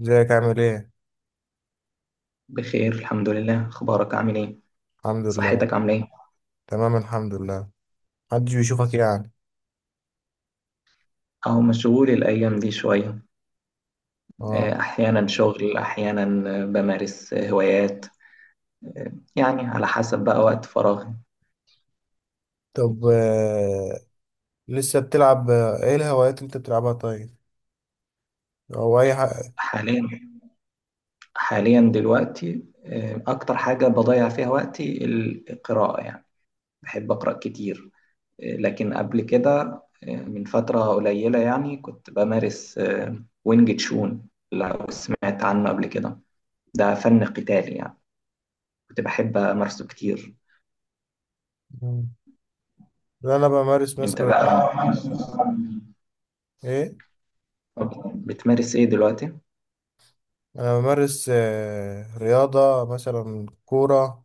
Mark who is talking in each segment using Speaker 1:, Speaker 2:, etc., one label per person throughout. Speaker 1: ازيك عامل ايه؟
Speaker 2: بخير الحمد لله. اخبارك عامل ايه؟
Speaker 1: الحمد لله.
Speaker 2: صحتك عامله ايه؟
Speaker 1: تمام الحمد لله. محدش بيشوفك يعني.
Speaker 2: اهو مشغول الايام دي شويه.
Speaker 1: اه.
Speaker 2: احيانا شغل احيانا. بمارس هوايات، يعني على حسب بقى وقت فراغي.
Speaker 1: طب، لسه بتلعب ايه الهوايات اللي انت بتلعبها طيب؟ او اي حاجة.
Speaker 2: حاليا حاليا دلوقتي اكتر حاجه بضيع فيها وقتي القراءه يعني. بحب اقرا كتير. لكن قبل كده، من فتره قليله يعني كنت بمارس وينج تشون. لو سمعت عنه قبل كده، ده فن قتالي يعني. كنت بحب امارسه كتير.
Speaker 1: مم. لا، انا بمارس
Speaker 2: انت
Speaker 1: مثلا.
Speaker 2: بقى؟
Speaker 1: ايه؟
Speaker 2: أوكي. بتمارس ايه دلوقتي؟
Speaker 1: انا بمارس رياضة مثلا كورة،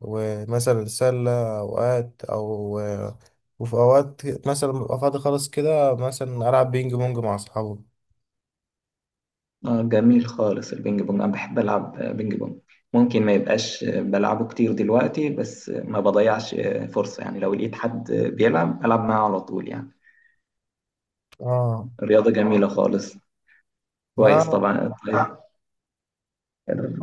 Speaker 1: ومثلا سلة اوقات او وفي اوقات مثلا ببقى فاضي خالص كده مثلا العب بينج بونج مع اصحابي.
Speaker 2: اه، جميل خالص. البينج بونج، انا بحب العب بينج بونج. ممكن ما يبقاش بلعبه كتير دلوقتي بس ما بضيعش فرصة، يعني لو لقيت حد بيلعب العب معاه على طول يعني.
Speaker 1: اه.
Speaker 2: رياضة جميلة خالص. كويس
Speaker 1: ما
Speaker 2: طبعا. طيب،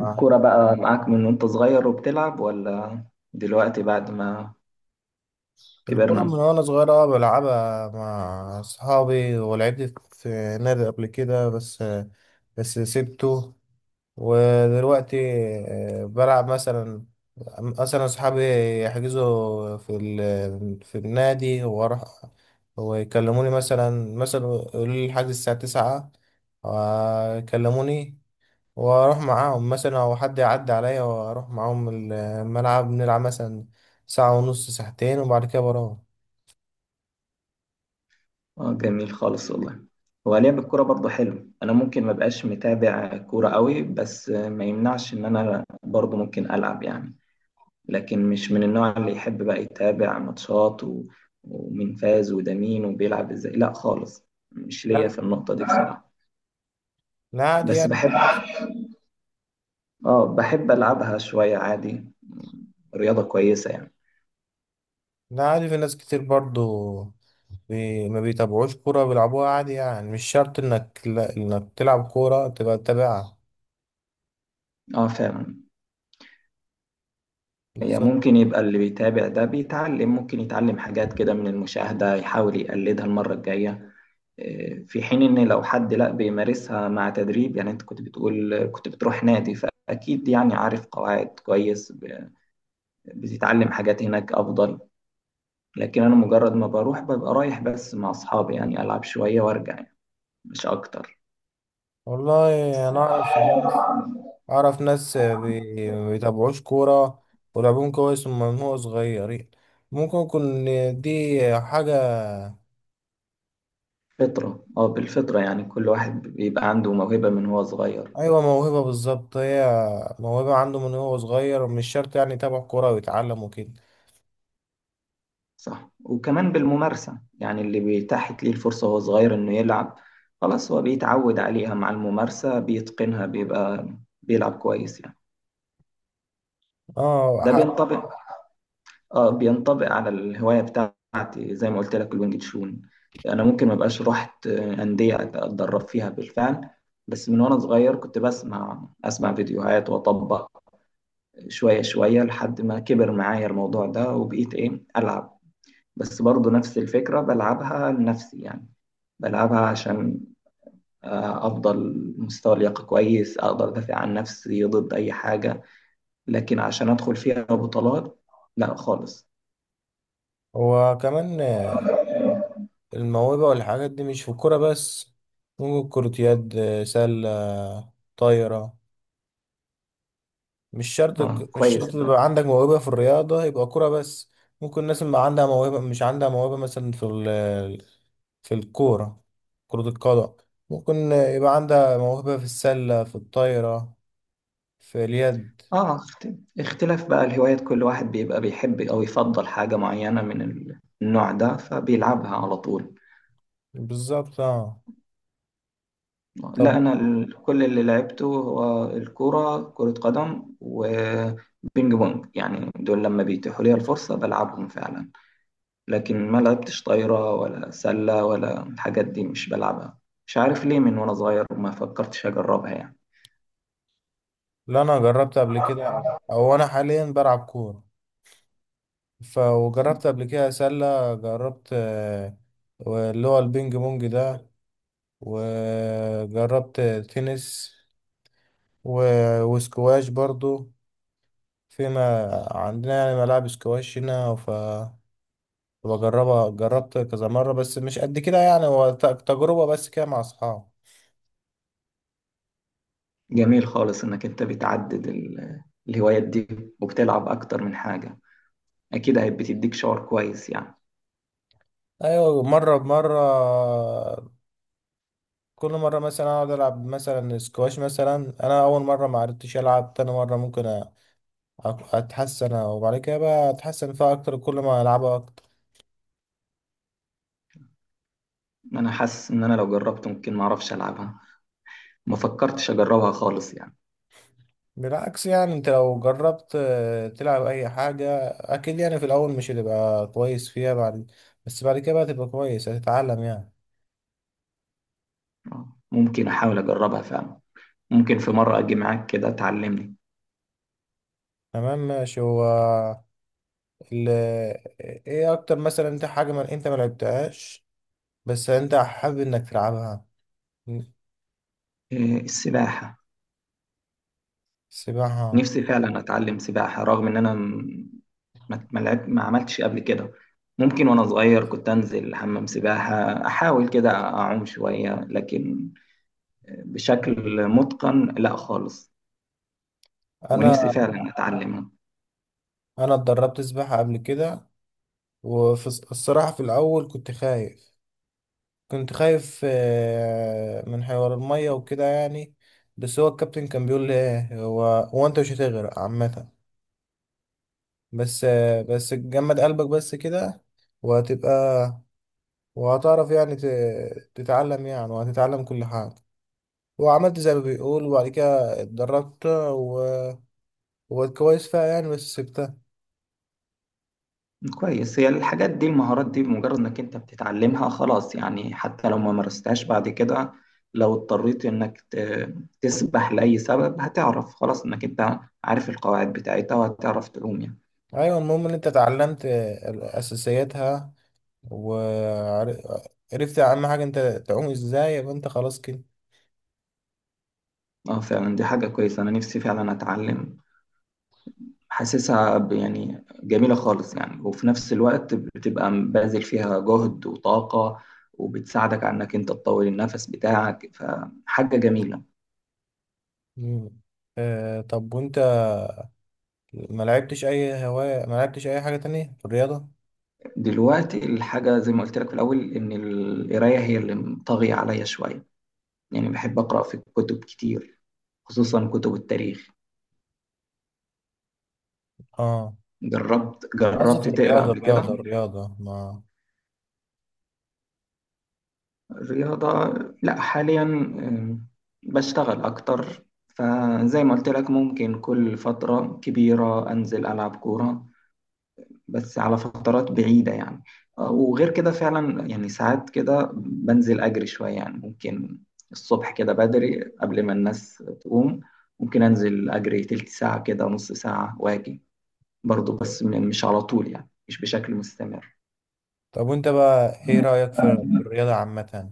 Speaker 1: انا
Speaker 2: بقى معاك من وانت صغير وبتلعب، ولا دلوقتي بعد ما
Speaker 1: الكرة من
Speaker 2: كبرنا؟
Speaker 1: وأنا صغير بلعبها مع أصحابي ولعبت في نادي قبل كده، بس سبته. ودلوقتي بلعب مثلا أصحابي يحجزوا في النادي وأروح، ويكلموني، مثلا يقولوا لي الحجز الساعة تسعة، يكلموني وأروح معاهم، مثلا أو حد يعدي عليا وأروح معاهم الملعب نلعب مثلا ساعة ونص، ساعتين، وبعد كده بروح.
Speaker 2: اه، جميل خالص والله. هو لعب الكورة برضه حلو. انا ممكن ما بقاش متابع كورة قوي، بس ما يمنعش ان انا برضه ممكن العب يعني. لكن مش من النوع اللي يحب بقى يتابع ماتشات و... ومين فاز وده مين وبيلعب ازاي، لا خالص. مش ليا
Speaker 1: لا،
Speaker 2: في النقطة دي بصراحة.
Speaker 1: لا عادي
Speaker 2: بس
Speaker 1: يعني في
Speaker 2: بحب.
Speaker 1: ناس.
Speaker 2: اه بحب العبها شوية، عادي. رياضة كويسة يعني.
Speaker 1: لا عادي في ناس كتير برضو ما بيتابعوش كورة بيلعبوها عادي يعني، مش شرط انك لا... انك تلعب كورة تبقى تتابعها.
Speaker 2: اه فعلا. هي
Speaker 1: بالظبط.
Speaker 2: ممكن يبقى اللي بيتابع ده بيتعلم، ممكن يتعلم حاجات كده من المشاهدة، يحاول يقلدها المرة الجاية. في حين ان لو حد لا بيمارسها مع تدريب يعني، انت كنت بتقول كنت بتروح نادي، فاكيد يعني عارف قواعد كويس. بتتعلم حاجات هناك افضل. لكن انا مجرد ما بروح ببقى رايح بس مع اصحابي يعني، العب شوية وارجع يعني، مش اكتر.
Speaker 1: والله انا اعرف ناس ما بيتابعوش كورة ولعبهم كويس من هو صغيرين. ممكن يكون دي حاجة.
Speaker 2: فطرة. اه، بالفطرة يعني، كل واحد بيبقى عنده موهبة من هو صغير.
Speaker 1: أيوة موهبة بالظبط هي، موهبة عنده من هو صغير ومش شرط يعني يتابع كورة ويتعلم وكده.
Speaker 2: صح. وكمان بالممارسة يعني، اللي بيتاحت ليه الفرصة وهو صغير انه يلعب خلاص هو بيتعود عليها، مع الممارسة بيتقنها، بيبقى بيلعب كويس يعني.
Speaker 1: اه.
Speaker 2: ده بينطبق. اه بينطبق على الهوايه بتاعتي زي ما قلت لك، الوينج تشون. انا ممكن ما بقاش رحت انديه اتدرب فيها بالفعل، بس من وانا صغير كنت بسمع فيديوهات واطبق شويه شويه، لحد ما كبر معايا الموضوع ده وبقيت ايه العب. بس برضه نفس الفكره، بلعبها لنفسي يعني. بلعبها عشان افضل مستوى لياقه كويس اقدر ادافع عن نفسي ضد اي حاجه. لكن عشان ادخل فيها بطولات، لا خالص.
Speaker 1: وكمان الموهبة والحاجات دي مش في الكورة بس، ممكن كرة يد، سلة، طايرة.
Speaker 2: اه،
Speaker 1: مش
Speaker 2: كويس.
Speaker 1: شرط تبقى عندك موهبة في الرياضة يبقى كورة بس، ممكن الناس اللي عندها موهبة، مش عندها موهبة مثلا في الكورة كرة القدم، ممكن يبقى عندها موهبة في السلة، في الطايرة، في اليد.
Speaker 2: اه اخت- اختلاف بقى الهوايات، كل واحد بيبقى بيحب او يفضل حاجة معينة من النوع ده، فبيلعبها على طول.
Speaker 1: بالظبط اه.
Speaker 2: لا،
Speaker 1: طب،
Speaker 2: انا كل اللي لعبته هو كرة قدم وبينج بونج يعني. دول لما بيتيحوا لي الفرصة بلعبهم فعلا. لكن ما لعبتش طايرة ولا سلة ولا الحاجات دي، مش بلعبها. مش عارف ليه، من وانا صغير وما فكرتش اجربها يعني.
Speaker 1: لا أنا جربت قبل كده، أو أنا حاليا بلعب كورة ف وجربت قبل كده سلة، جربت اللي هو البينج بونج ده، وجربت تنس وسكواش برضو، فيما عندنا يعني ملاعب سكواش هنا ف بجربها جربت كذا مرة، بس مش قد كده يعني، هو تجربة بس كده مع أصحابي.
Speaker 2: جميل خالص انك انت بتعدد الهوايات دي، وبتلعب اكتر من حاجة. اكيد هي بتديك شعور كويس يعني.
Speaker 1: أيوة مرة بمرة، كل مرة مثلا أقعد ألعب مثلا سكواش، مثلا أنا أول مرة معرفتش ألعب، تاني مرة ممكن اتحسن، وبعد كده بقى اتحسن فيها اكتر كل ما العبها اكتر.
Speaker 2: انا حاسس ان انا لو جربت ممكن ما اعرفش العبها. ما فكرتش اجربها خالص يعني.
Speaker 1: بالعكس يعني انت لو جربت تلعب اي حاجة اكيد يعني في الاول مش هتبقى كويس فيها، بعد بس بعد كده بقى تبقى كويس، هتتعلم يعني.
Speaker 2: ممكن احاول اجربها فعلا. ممكن في مره اجي معاك كده تعلمني.
Speaker 1: تمام ماشي. هو ال... ايه اكتر مثلا انت حاجة ما انت ما لعبتهاش بس انت حابب انك تلعبها؟
Speaker 2: إيه، السباحه.
Speaker 1: سباحة.
Speaker 2: نفسي فعلا اتعلم سباحه. رغم ان انا ما عملتش قبل كده. ممكن وانا صغير كنت انزل حمام سباحه احاول كده اعوم شويه، لكن بشكل متقن لا خالص. ونفسي
Speaker 1: انا
Speaker 2: فعلا اتعلمها.
Speaker 1: انا اتدربت سباحة قبل كده، وفي الصراحة في الاول كنت خايف من حوار المية وكده يعني. بس هو الكابتن كان بيقول لي ايه، هو هو انت مش هتغرق عامة، بس جمد قلبك بس كده، وهتبقى وهتعرف يعني تتعلم يعني، وهتتعلم كل حاجة. وعملت زي ما بيقول، وبعد كده اتدربت وبقيت كويس فيها يعني، بس سبتها.
Speaker 2: كويس. هي الحاجات دي المهارات دي بمجرد انك انت بتتعلمها خلاص يعني، حتى لو ما مارستهاش بعد كده، لو اضطريت انك تسبح لأي سبب هتعرف خلاص انك انت عارف القواعد بتاعتها، وهتعرف تعوم يعني.
Speaker 1: ايوه، المهم ان انت اتعلمت اساسياتها، وعرفت اهم حاجة انت تعوم ازاي، يبقى انت خلاص كده.
Speaker 2: اه فعلا، دي حاجة كويسة. انا نفسي فعلا اتعلم. حاسسها يعني جميلة خالص يعني، وفي نفس الوقت بتبقى باذل فيها جهد وطاقة، وبتساعدك على انك انت تطول النفس بتاعك، فحاجة جميلة.
Speaker 1: مم. طب، وانت ما لعبتش اي هواية، ما لعبتش اي حاجة تانية في الرياضة؟
Speaker 2: دلوقتي الحاجة زي ما قلت لك في الأول، إن القراية هي اللي طاغية عليا شوية يعني. بحب أقرأ في كتب كتير، خصوصا كتب التاريخ.
Speaker 1: اه.
Speaker 2: جربت
Speaker 1: أنا قصدي في
Speaker 2: جربت تقرأ
Speaker 1: الرياضة،
Speaker 2: قبل كده؟
Speaker 1: الرياضة ما.
Speaker 2: الرياضة؟ لا، حاليا بشتغل أكتر. فزي ما قلت لك ممكن كل فترة كبيرة أنزل ألعب كورة، بس على فترات بعيدة يعني. وغير كده فعلا يعني، ساعات كده بنزل أجري شوية يعني. ممكن الصبح كده بدري قبل ما الناس تقوم، ممكن أنزل أجري تلت ساعة كده، نص ساعة، وأجي. برضه بس مش على طول يعني، مش بشكل مستمر.
Speaker 1: طب، وانت بقى ايه رأيك في الرياضة عامة؟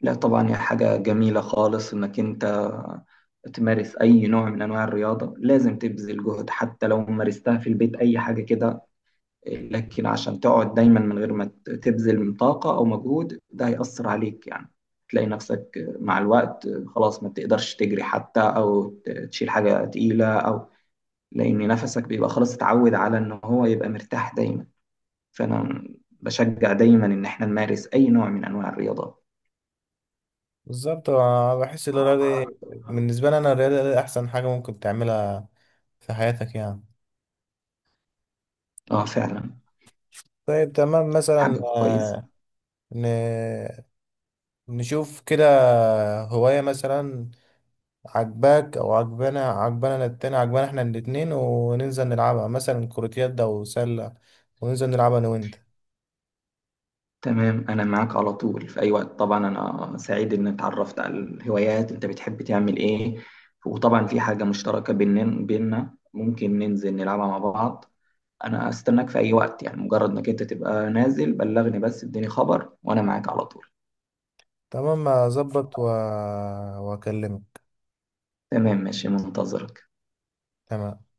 Speaker 2: لا طبعا، هي حاجة جميلة خالص إنك أنت تمارس أي نوع من أنواع الرياضة. لازم تبذل جهد حتى لو مارستها في البيت، أي حاجة كده. لكن عشان تقعد دايما من غير ما تبذل من طاقة أو مجهود، ده هيأثر عليك يعني. تلاقي نفسك مع الوقت خلاص ما بتقدرش تجري حتى، أو تشيل حاجة تقيلة أو. لأن نفسك بيبقى خلاص اتعود على إن هو يبقى مرتاح دايما. فأنا بشجع دايما إن إحنا نمارس أي نوع من أنواع الرياضة.
Speaker 1: بالظبط أنا بحس بالنسبة لي انا الرياضة دي احسن حاجة ممكن تعملها في حياتك يعني.
Speaker 2: اه فعلا،
Speaker 1: طيب تمام مثلا
Speaker 2: حاجة كويسة.
Speaker 1: ن... نشوف كده، هواية مثلا عجباك او عجبنا أنا التاني، عجبنا احنا الاتنين، وننزل نلعبها مثلا كرة يد او سلة، وننزل نلعبها انا وانت.
Speaker 2: تمام، أنا معاك على طول في أي وقت طبعا. أنا سعيد إن اتعرفت على الهوايات أنت بتحب تعمل إيه. وطبعا في حاجة مشتركة بيننا ممكن ننزل نلعبها مع بعض. أنا أستناك في أي وقت يعني، مجرد إنك أنت تبقى نازل بلغني، بس اديني خبر وأنا معاك على طول.
Speaker 1: تمام، اظبط واكلمك.
Speaker 2: تمام ماشي، منتظرك.
Speaker 1: تمام.